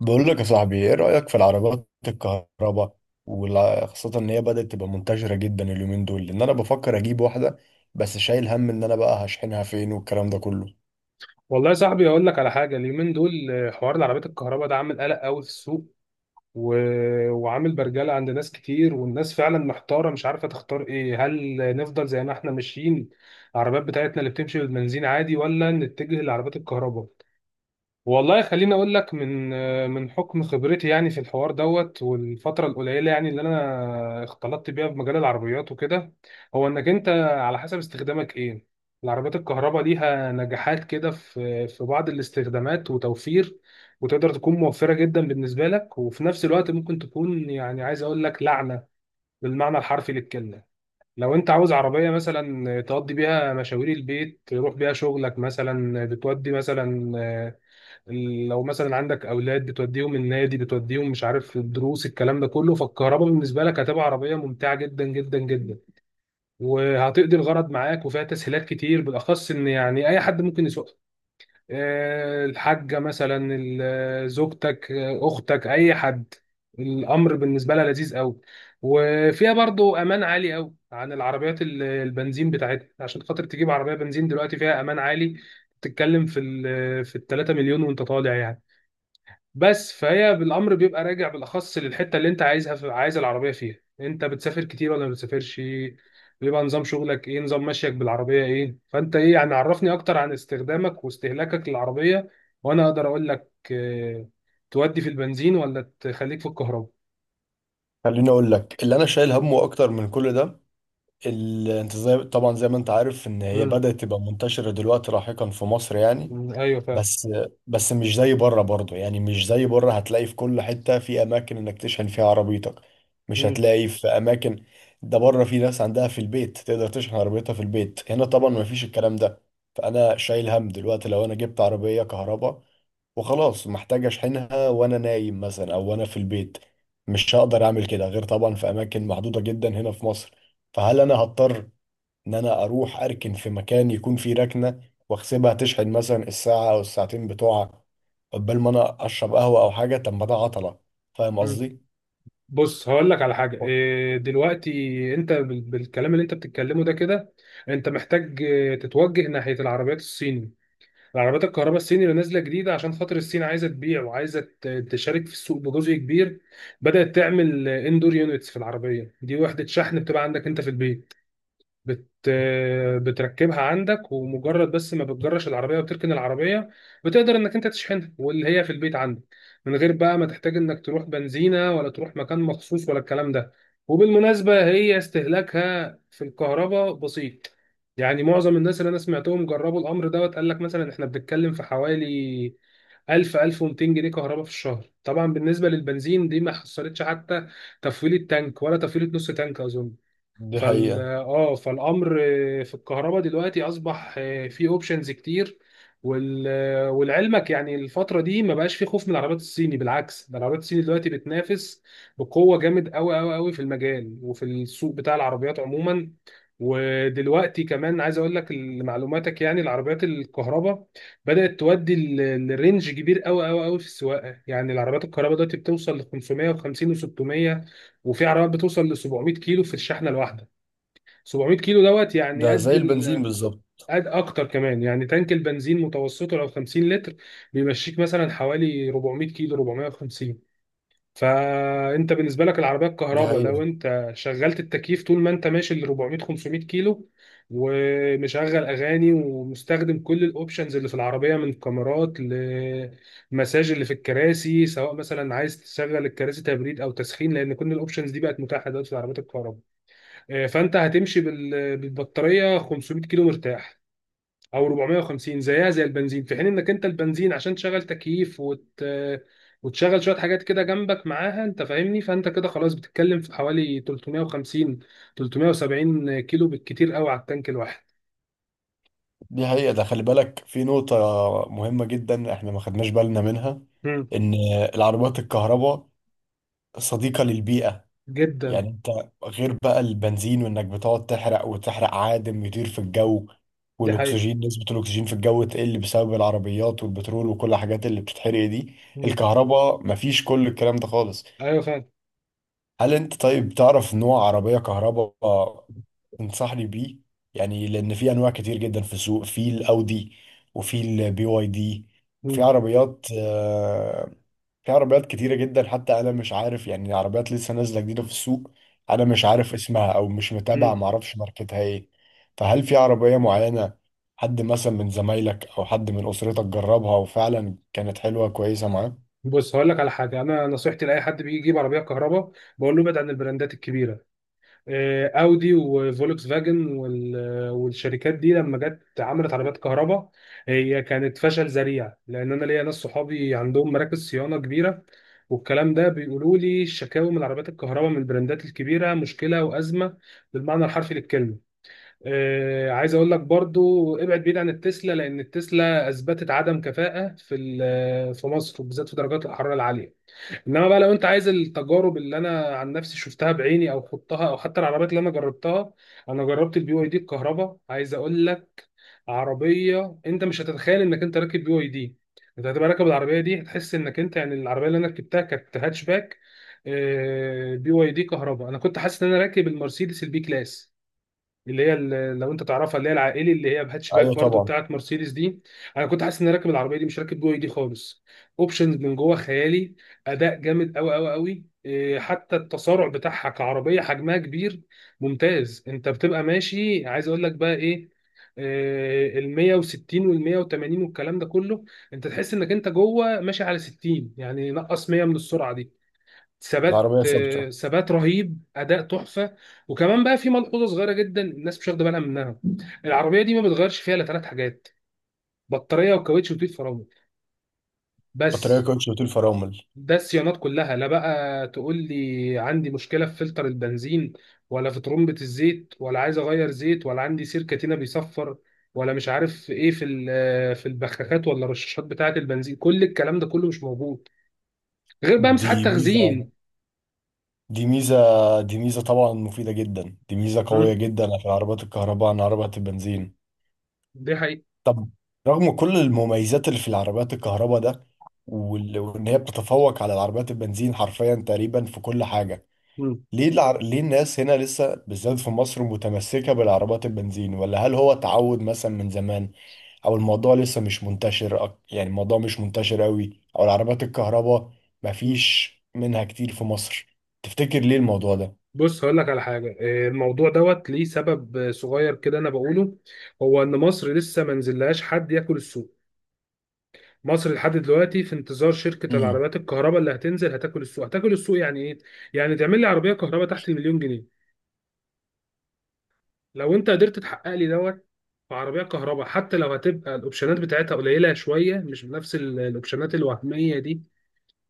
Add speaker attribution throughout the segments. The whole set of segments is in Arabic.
Speaker 1: بقول لك يا صاحبي، ايه رأيك في العربيات الكهرباء؟ وخاصة ان هي بدأت تبقى منتشرة جدا اليومين دول، لان انا بفكر اجيب واحدة. بس شايل هم ان انا بقى هشحنها فين والكلام ده كله.
Speaker 2: والله يا صاحبي اقول لك على حاجه. اليومين دول حوار العربيات الكهرباء ده عامل قلق قوي في السوق و... وعامل برجله عند ناس كتير، والناس فعلا محتاره، مش عارفه تختار ايه. هل نفضل زي ما احنا ماشيين العربيات بتاعتنا اللي بتمشي بالبنزين عادي، ولا نتجه لعربيات الكهرباء؟ والله خليني اقول لك من حكم خبرتي يعني في الحوار دوت، والفتره القليله يعني اللي انا اختلطت بيها في مجال العربيات وكده. هو انك انت على حسب استخدامك ايه. العربيات الكهرباء ليها نجاحات كده في بعض الاستخدامات، وتوفير وتقدر تكون موفره جدا بالنسبه لك، وفي نفس الوقت ممكن تكون يعني عايز اقول لك لعنه بالمعنى الحرفي للكلمه. لو انت عاوز عربيه مثلا تقضي بيها مشاوير البيت، تروح بيها شغلك مثلا، بتودي مثلا لو مثلا عندك اولاد بتوديهم النادي، بتوديهم مش عارف الدروس، الكلام ده كله، فالكهرباء بالنسبه لك هتبقى عربيه ممتعه جدا جدا جدا، وهتقضي الغرض معاك، وفيها تسهيلات كتير، بالاخص ان يعني اي حد ممكن يسوقها. الحاجه مثلا زوجتك، اختك، اي حد. الامر بالنسبه لها لذيذ قوي. وفيها برضو امان عالي قوي عن العربيات البنزين بتاعتها. عشان خاطر تجيب عربيه بنزين دلوقتي فيها امان عالي، تتكلم في ال 3 مليون وانت طالع يعني. بس فهي بالامر بيبقى راجع بالاخص للحته اللي انت عايزها في عايز العربيه فيها. انت بتسافر كتير ولا ما بتسافرش؟ بيبقى نظام شغلك ايه؟ نظام مشيك بالعربيه ايه؟ فانت ايه يعني؟ عرفني اكتر عن استخدامك واستهلاكك للعربيه، وانا اقدر اقول لك اه تودي في البنزين ولا تخليك في الكهرباء.
Speaker 1: خليني اقول لك اللي انا شايل همه اكتر من كل ده. انت زي طبعا، زي ما انت عارف، ان هي
Speaker 2: مم.
Speaker 1: بدأت تبقى منتشرة دلوقتي لاحقا في مصر، يعني
Speaker 2: مم. ايوه فعلا.
Speaker 1: بس بس مش زي بره برضه، يعني مش زي بره هتلاقي في كل حتة في أماكن إنك تشحن فيها عربيتك. مش
Speaker 2: مم.
Speaker 1: هتلاقي في أماكن. ده بره في ناس عندها في البيت تقدر تشحن عربيتها في البيت، هنا طبعا
Speaker 2: مم.
Speaker 1: ما فيش الكلام ده. فأنا شايل هم دلوقتي، لو أنا جبت عربية كهرباء وخلاص، محتاج أشحنها وأنا نايم مثلا، أو وأنا في البيت. مش هقدر أعمل كده غير طبعا في أماكن محدودة جدا هنا في مصر. فهل أنا هضطر ان انا اروح اركن في مكان يكون فيه ركنه، واحسبها تشحن مثلا الساعه او الساعتين بتوعها قبل ما انا اشرب قهوه او حاجه؟ طب ما ده عطله. فاهم
Speaker 2: مم.
Speaker 1: قصدي؟
Speaker 2: بص هقول لك على حاجه. دلوقتي انت بالكلام اللي انت بتتكلمه ده كده، انت محتاج تتوجه ناحيه العربيات الصيني، العربيات الكهرباء الصيني اللي نازله جديده. عشان خاطر الصين عايزه تبيع وعايزه تشارك في السوق بجزء كبير، بدات تعمل اندور يونتس في العربيه دي. وحده شحن بتبقى عندك انت في البيت، بت... بتركبها عندك، ومجرد بس ما بتجرش العربيه وتركن العربيه، بتقدر انك انت تشحنها واللي هي في البيت عندك، من غير بقى ما تحتاج انك تروح بنزينه ولا تروح مكان مخصوص ولا الكلام ده. وبالمناسبه هي استهلاكها في الكهرباء بسيط. يعني معظم الناس اللي انا سمعتهم جربوا الامر دوت قال لك مثلا احنا بنتكلم في حوالي 1000 1200 جنيه كهرباء في الشهر. طبعا بالنسبه للبنزين دي ما حصلتش حتى تفويله تانك ولا تفويله نص تانك اظن.
Speaker 1: دي
Speaker 2: فال
Speaker 1: حقيقه.
Speaker 2: اه فالامر في الكهرباء دلوقتي اصبح في اوبشنز كتير وال... ولعلمك يعني الفتره دي ما بقاش في خوف من العربيات الصيني. بالعكس، ده العربيات الصيني دلوقتي بتنافس بقوه جامد قوي قوي قوي في المجال وفي السوق بتاع العربيات عموما. ودلوقتي كمان عايز اقول لك لمعلوماتك يعني العربيات الكهرباء بدات تودي الرينج كبير قوي قوي قوي في السواقه. يعني العربيات الكهرباء دلوقتي بتوصل ل 550 و600، وفي عربيات بتوصل ل 700 كيلو في الشحنه الواحده. 700 كيلو دوت، يعني
Speaker 1: ده زي البنزين بالظبط.
Speaker 2: قد اكتر كمان. يعني تانك البنزين متوسطه لو 50 لتر بيمشيك مثلا حوالي 400 كيلو 450. فانت بالنسبه لك العربيه
Speaker 1: دي
Speaker 2: الكهرباء لو
Speaker 1: حقيقه.
Speaker 2: انت شغلت التكييف طول ما انت ماشي ل 400 500 كيلو، ومشغل اغاني ومستخدم كل الاوبشنز اللي في العربيه من كاميرات لمساج اللي في الكراسي، سواء مثلا عايز تشغل الكراسي تبريد او تسخين، لان كل الاوبشنز دي بقت متاحه دلوقتي في العربيات الكهرباء. فانت هتمشي بالبطاريه 500 كيلو مرتاح او 450 زيها زي البنزين، في حين انك انت البنزين عشان تشغل تكييف وتشغل شويه حاجات كده جنبك معاها، انت فاهمني، فانت كده خلاص بتتكلم في حوالي 350 370 كيلو بالكتير قوي على التانك الواحد.
Speaker 1: دي حقيقه. ده خلي بالك في نقطه مهمه جدا احنا ما خدناش بالنا منها،
Speaker 2: مم.
Speaker 1: ان العربيات الكهرباء صديقه للبيئه.
Speaker 2: جدا.
Speaker 1: يعني انت غير بقى البنزين، وانك بتقعد تحرق وتحرق، عادم يطير في الجو،
Speaker 2: دي حقيقه.
Speaker 1: والاكسجين، نسبة الاكسجين في الجو تقل بسبب العربيات والبترول وكل الحاجات اللي بتتحرق دي.
Speaker 2: مم.
Speaker 1: الكهرباء مفيش كل الكلام ده خالص.
Speaker 2: ايوه فاهم.
Speaker 1: هل انت طيب تعرف نوع عربية كهرباء تنصحني بيه؟ يعني لان في انواع كتير جدا في السوق، في الاودي، وفي البي واي دي، في
Speaker 2: مم.
Speaker 1: عربيات، في عربيات كتيرة جدا. حتى أنا مش عارف، يعني عربيات لسه نازلة جديدة في السوق أنا مش عارف اسمها، أو مش متابع
Speaker 2: مم.
Speaker 1: معرفش ماركتها إيه. فهل في عربية معينة حد مثلا من زمايلك أو حد من أسرتك جربها وفعلا كانت حلوة كويسة معاه؟
Speaker 2: بص هقول لك على حاجه. انا نصيحتي لاي حد بيجي يجيب عربيه كهرباء، بقول له ابعد عن البراندات الكبيره. اودي وفولكس فاجن والشركات دي لما جت عملت عربيات كهرباء، هي كانت فشل ذريع. لان انا ليا ناس صحابي عندهم مراكز صيانه كبيره، والكلام ده، بيقولوا لي الشكاوى من عربيات الكهرباء من البراندات الكبيره مشكله وازمه بالمعنى الحرفي للكلمه. عايز اقول لك برضو ابعد بعيد عن التسلا، لان التسلا اثبتت عدم كفاءه في مصر، وبالذات في درجات الحراره العاليه. انما بقى لو انت عايز التجارب اللي انا عن نفسي شفتها بعيني او خضتها او حتى العربيات اللي انا جربتها، انا جربت البي واي دي الكهرباء. عايز اقول لك عربيه انت مش هتتخيل انك انت راكب بي واي دي. انت هتبقى راكب العربيه دي، هتحس انك انت يعني. العربيه اللي انا ركبتها كانت هاتش باك، بي واي دي كهرباء. انا كنت حاسس ان انا راكب المرسيدس البي كلاس، اللي هي لو انت تعرفها اللي هي العائلي، اللي هي بهاتشباك
Speaker 1: أيوة
Speaker 2: برضو
Speaker 1: طبعا.
Speaker 2: بتاعت مرسيدس دي. انا كنت حاسس اني راكب العربيه دي، مش راكب جوه دي خالص. اوبشنز من جوه خيالي، اداء جامد قوي قوي قوي، حتى التسارع بتاعها كعربيه حجمها كبير ممتاز. انت بتبقى ماشي عايز اقول لك بقى ايه، ال 160 وال 180 والكلام ده كله، انت تحس انك انت جوه ماشي على 60، يعني نقص 100 من السرعه دي. ثبات،
Speaker 1: العربية ثابتة.
Speaker 2: ثبات رهيب، اداء تحفه. وكمان بقى في ملحوظه صغيره جدا الناس مش واخده بالها منها. العربيه دي ما بتغيرش فيها الا ثلاث حاجات: بطاريه، وكاوتش، وتيل فرامل.
Speaker 1: بطارية
Speaker 2: بس.
Speaker 1: كوتش وطول فرامل.
Speaker 2: ده الصيانات كلها. لا بقى تقول لي عندي مشكله في فلتر البنزين، ولا في ترمبه الزيت، ولا عايز اغير زيت، ولا عندي سيركتينه بيصفر، ولا مش عارف ايه في البخاخات ولا الرشاشات بتاعه البنزين. كل الكلام ده كله مش موجود، غير بقى
Speaker 1: دي
Speaker 2: مساحات
Speaker 1: ميزة،
Speaker 2: تخزين.
Speaker 1: دي ميزة، دي ميزة طبعا مفيدة جدا، دي ميزة قوية
Speaker 2: مم.
Speaker 1: جدا في العربيات الكهرباء عن عربيات البنزين.
Speaker 2: دي حقيقة.
Speaker 1: طب، رغم كل المميزات اللي في العربيات الكهرباء ده وان هي بتتفوق على العربيات البنزين حرفيا تقريبا في كل حاجة،
Speaker 2: مم.
Speaker 1: ليه الناس هنا لسه بالذات في مصر متمسكة بالعربيات البنزين؟ ولا هل هو تعود مثلا من زمان، او الموضوع لسه مش منتشر يعني الموضوع مش منتشر قوي، او العربيات الكهرباء مفيش منها كتير في مصر؟ تفتكر ليه الموضوع ده؟
Speaker 2: بص هقول لك على حاجة. الموضوع دوت ليه سبب صغير كده أنا بقوله. هو إن مصر لسه ما نزلهاش حد ياكل السوق. مصر لحد دلوقتي في انتظار شركة
Speaker 1: امم
Speaker 2: العربيات الكهرباء اللي هتنزل هتاكل السوق. هتاكل السوق يعني إيه؟ يعني تعمل لي عربية كهرباء تحت المليون جنيه. لو أنت قدرت تحقق لي دوت في عربية كهرباء، حتى لو هتبقى الأوبشنات بتاعتها قليلة شوية، مش بنفس الأوبشنات الوهمية دي،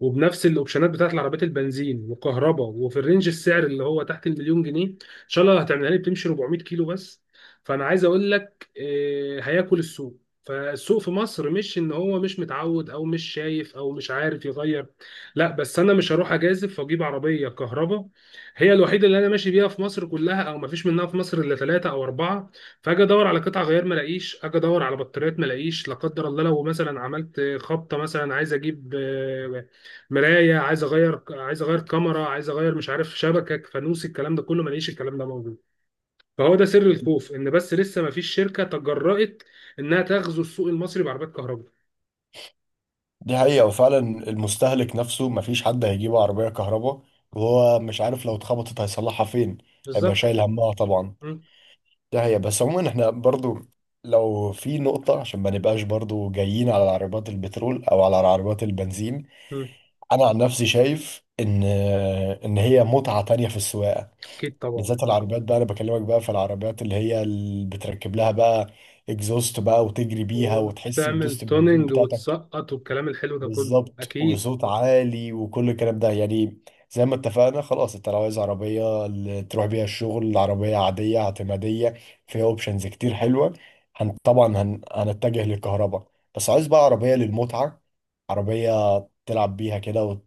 Speaker 2: وبنفس الاوبشنات بتاعت العربيات البنزين وكهرباء، وفي الرينج السعر اللي هو تحت المليون جنيه، ان شاء الله هتعملها لي بتمشي 400 كيلو بس، فانا عايز اقول لك هياكل السوق. فالسوق في مصر مش ان هو مش متعود او مش شايف او مش عارف يغير، لا، بس انا مش هروح اجازف واجيب عربيه كهرباء هي الوحيده اللي انا ماشي بيها في مصر كلها، او ما فيش منها في مصر الا ثلاثه او اربعه، فاجي ادور على قطع غيار ما الاقيش، اجي ادور على بطاريات ما الاقيش، لا قدر الله لو مثلا عملت خبطه مثلا عايز اجيب مرايه، عايز اغير، عايز اغير كاميرا، عايز اغير مش عارف شبكه فانوس، الكلام ده كله ما لقيش الكلام ده موجود. فهو ده سر الخوف، ان بس لسه ما فيش شركه تجرأت انها تغزو السوق المصري بعربيات كهرباء.
Speaker 1: دي حقيقة وفعلا. المستهلك نفسه مفيش حد هيجيب عربية كهرباء وهو مش عارف لو اتخبطت هيصلحها فين. هيبقى
Speaker 2: بالظبط.
Speaker 1: شايل همها طبعا.
Speaker 2: مم.
Speaker 1: دي حقيقة. بس عموما احنا برضو، لو في نقطة عشان ما نبقاش برضو جايين على عربيات البترول او على عربيات البنزين،
Speaker 2: مم.
Speaker 1: انا عن نفسي شايف ان ان هي متعة تانية في السواقة.
Speaker 2: اكيد طبعا.
Speaker 1: بالذات العربيات بقى، انا بكلمك بقى في العربيات اللي هي اللي بتركب لها بقى اكزوست بقى وتجري بيها وتحس
Speaker 2: وتعمل
Speaker 1: بدوسة البنزين
Speaker 2: توننج
Speaker 1: بتاعتك.
Speaker 2: وتسقط والكلام الحلو ده كله،
Speaker 1: بالظبط،
Speaker 2: اكيد.
Speaker 1: وصوت عالي وكل الكلام ده. يعني زي ما اتفقنا خلاص، انت لو عايز عربية اللي تروح بيها الشغل، عربية عادية اعتمادية فيها اوبشنز كتير حلوة، هنتجه للكهرباء. بس عايز بقى عربية للمتعة، عربية تلعب بيها كده،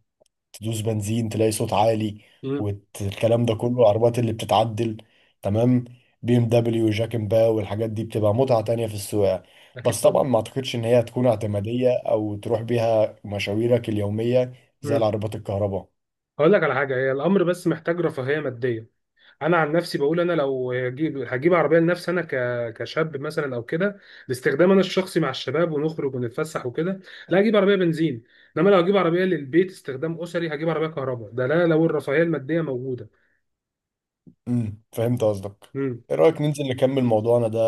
Speaker 1: تدوس بنزين تلاقي صوت عالي
Speaker 2: مم.
Speaker 1: والكلام ده كله. العربيات اللي بتتعدل، تمام، بي ام دبليو، جاك، ان باو، والحاجات دي بتبقى متعة تانية في السواقة.
Speaker 2: اكيد
Speaker 1: بس طبعا
Speaker 2: طبعا.
Speaker 1: ما اعتقدش ان هي هتكون اعتمادية او تروح بيها مشاويرك اليومية زي
Speaker 2: مم.
Speaker 1: العربيات الكهرباء.
Speaker 2: هقول لك على حاجه. هي الامر بس محتاج رفاهيه ماديه. انا عن نفسي بقول انا لو هجيب، هجيب عربيه لنفسي انا كشاب مثلا او كده، لاستخدام انا الشخصي مع الشباب ونخرج ونتفسح وكده، لا، هجيب عربيه بنزين. انما لو هجيب عربيه للبيت، استخدام اسري، هجيب عربيه كهرباء. ده لا لو الرفاهيه الماديه موجوده.
Speaker 1: فهمت قصدك.
Speaker 2: امم.
Speaker 1: ايه رأيك ننزل نكمل موضوعنا ده،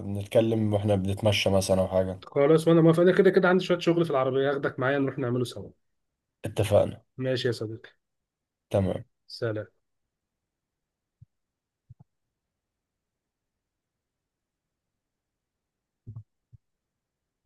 Speaker 1: نتكلم واحنا بنتمشى مثلا او حاجة؟
Speaker 2: خلاص، وانا موافق. انا كده كده عندي شويه شغل في العربيه، هاخدك معايا نروح نعمله سوا.
Speaker 1: اتفقنا.
Speaker 2: ماشي يا صديقي.
Speaker 1: تمام.
Speaker 2: سلام.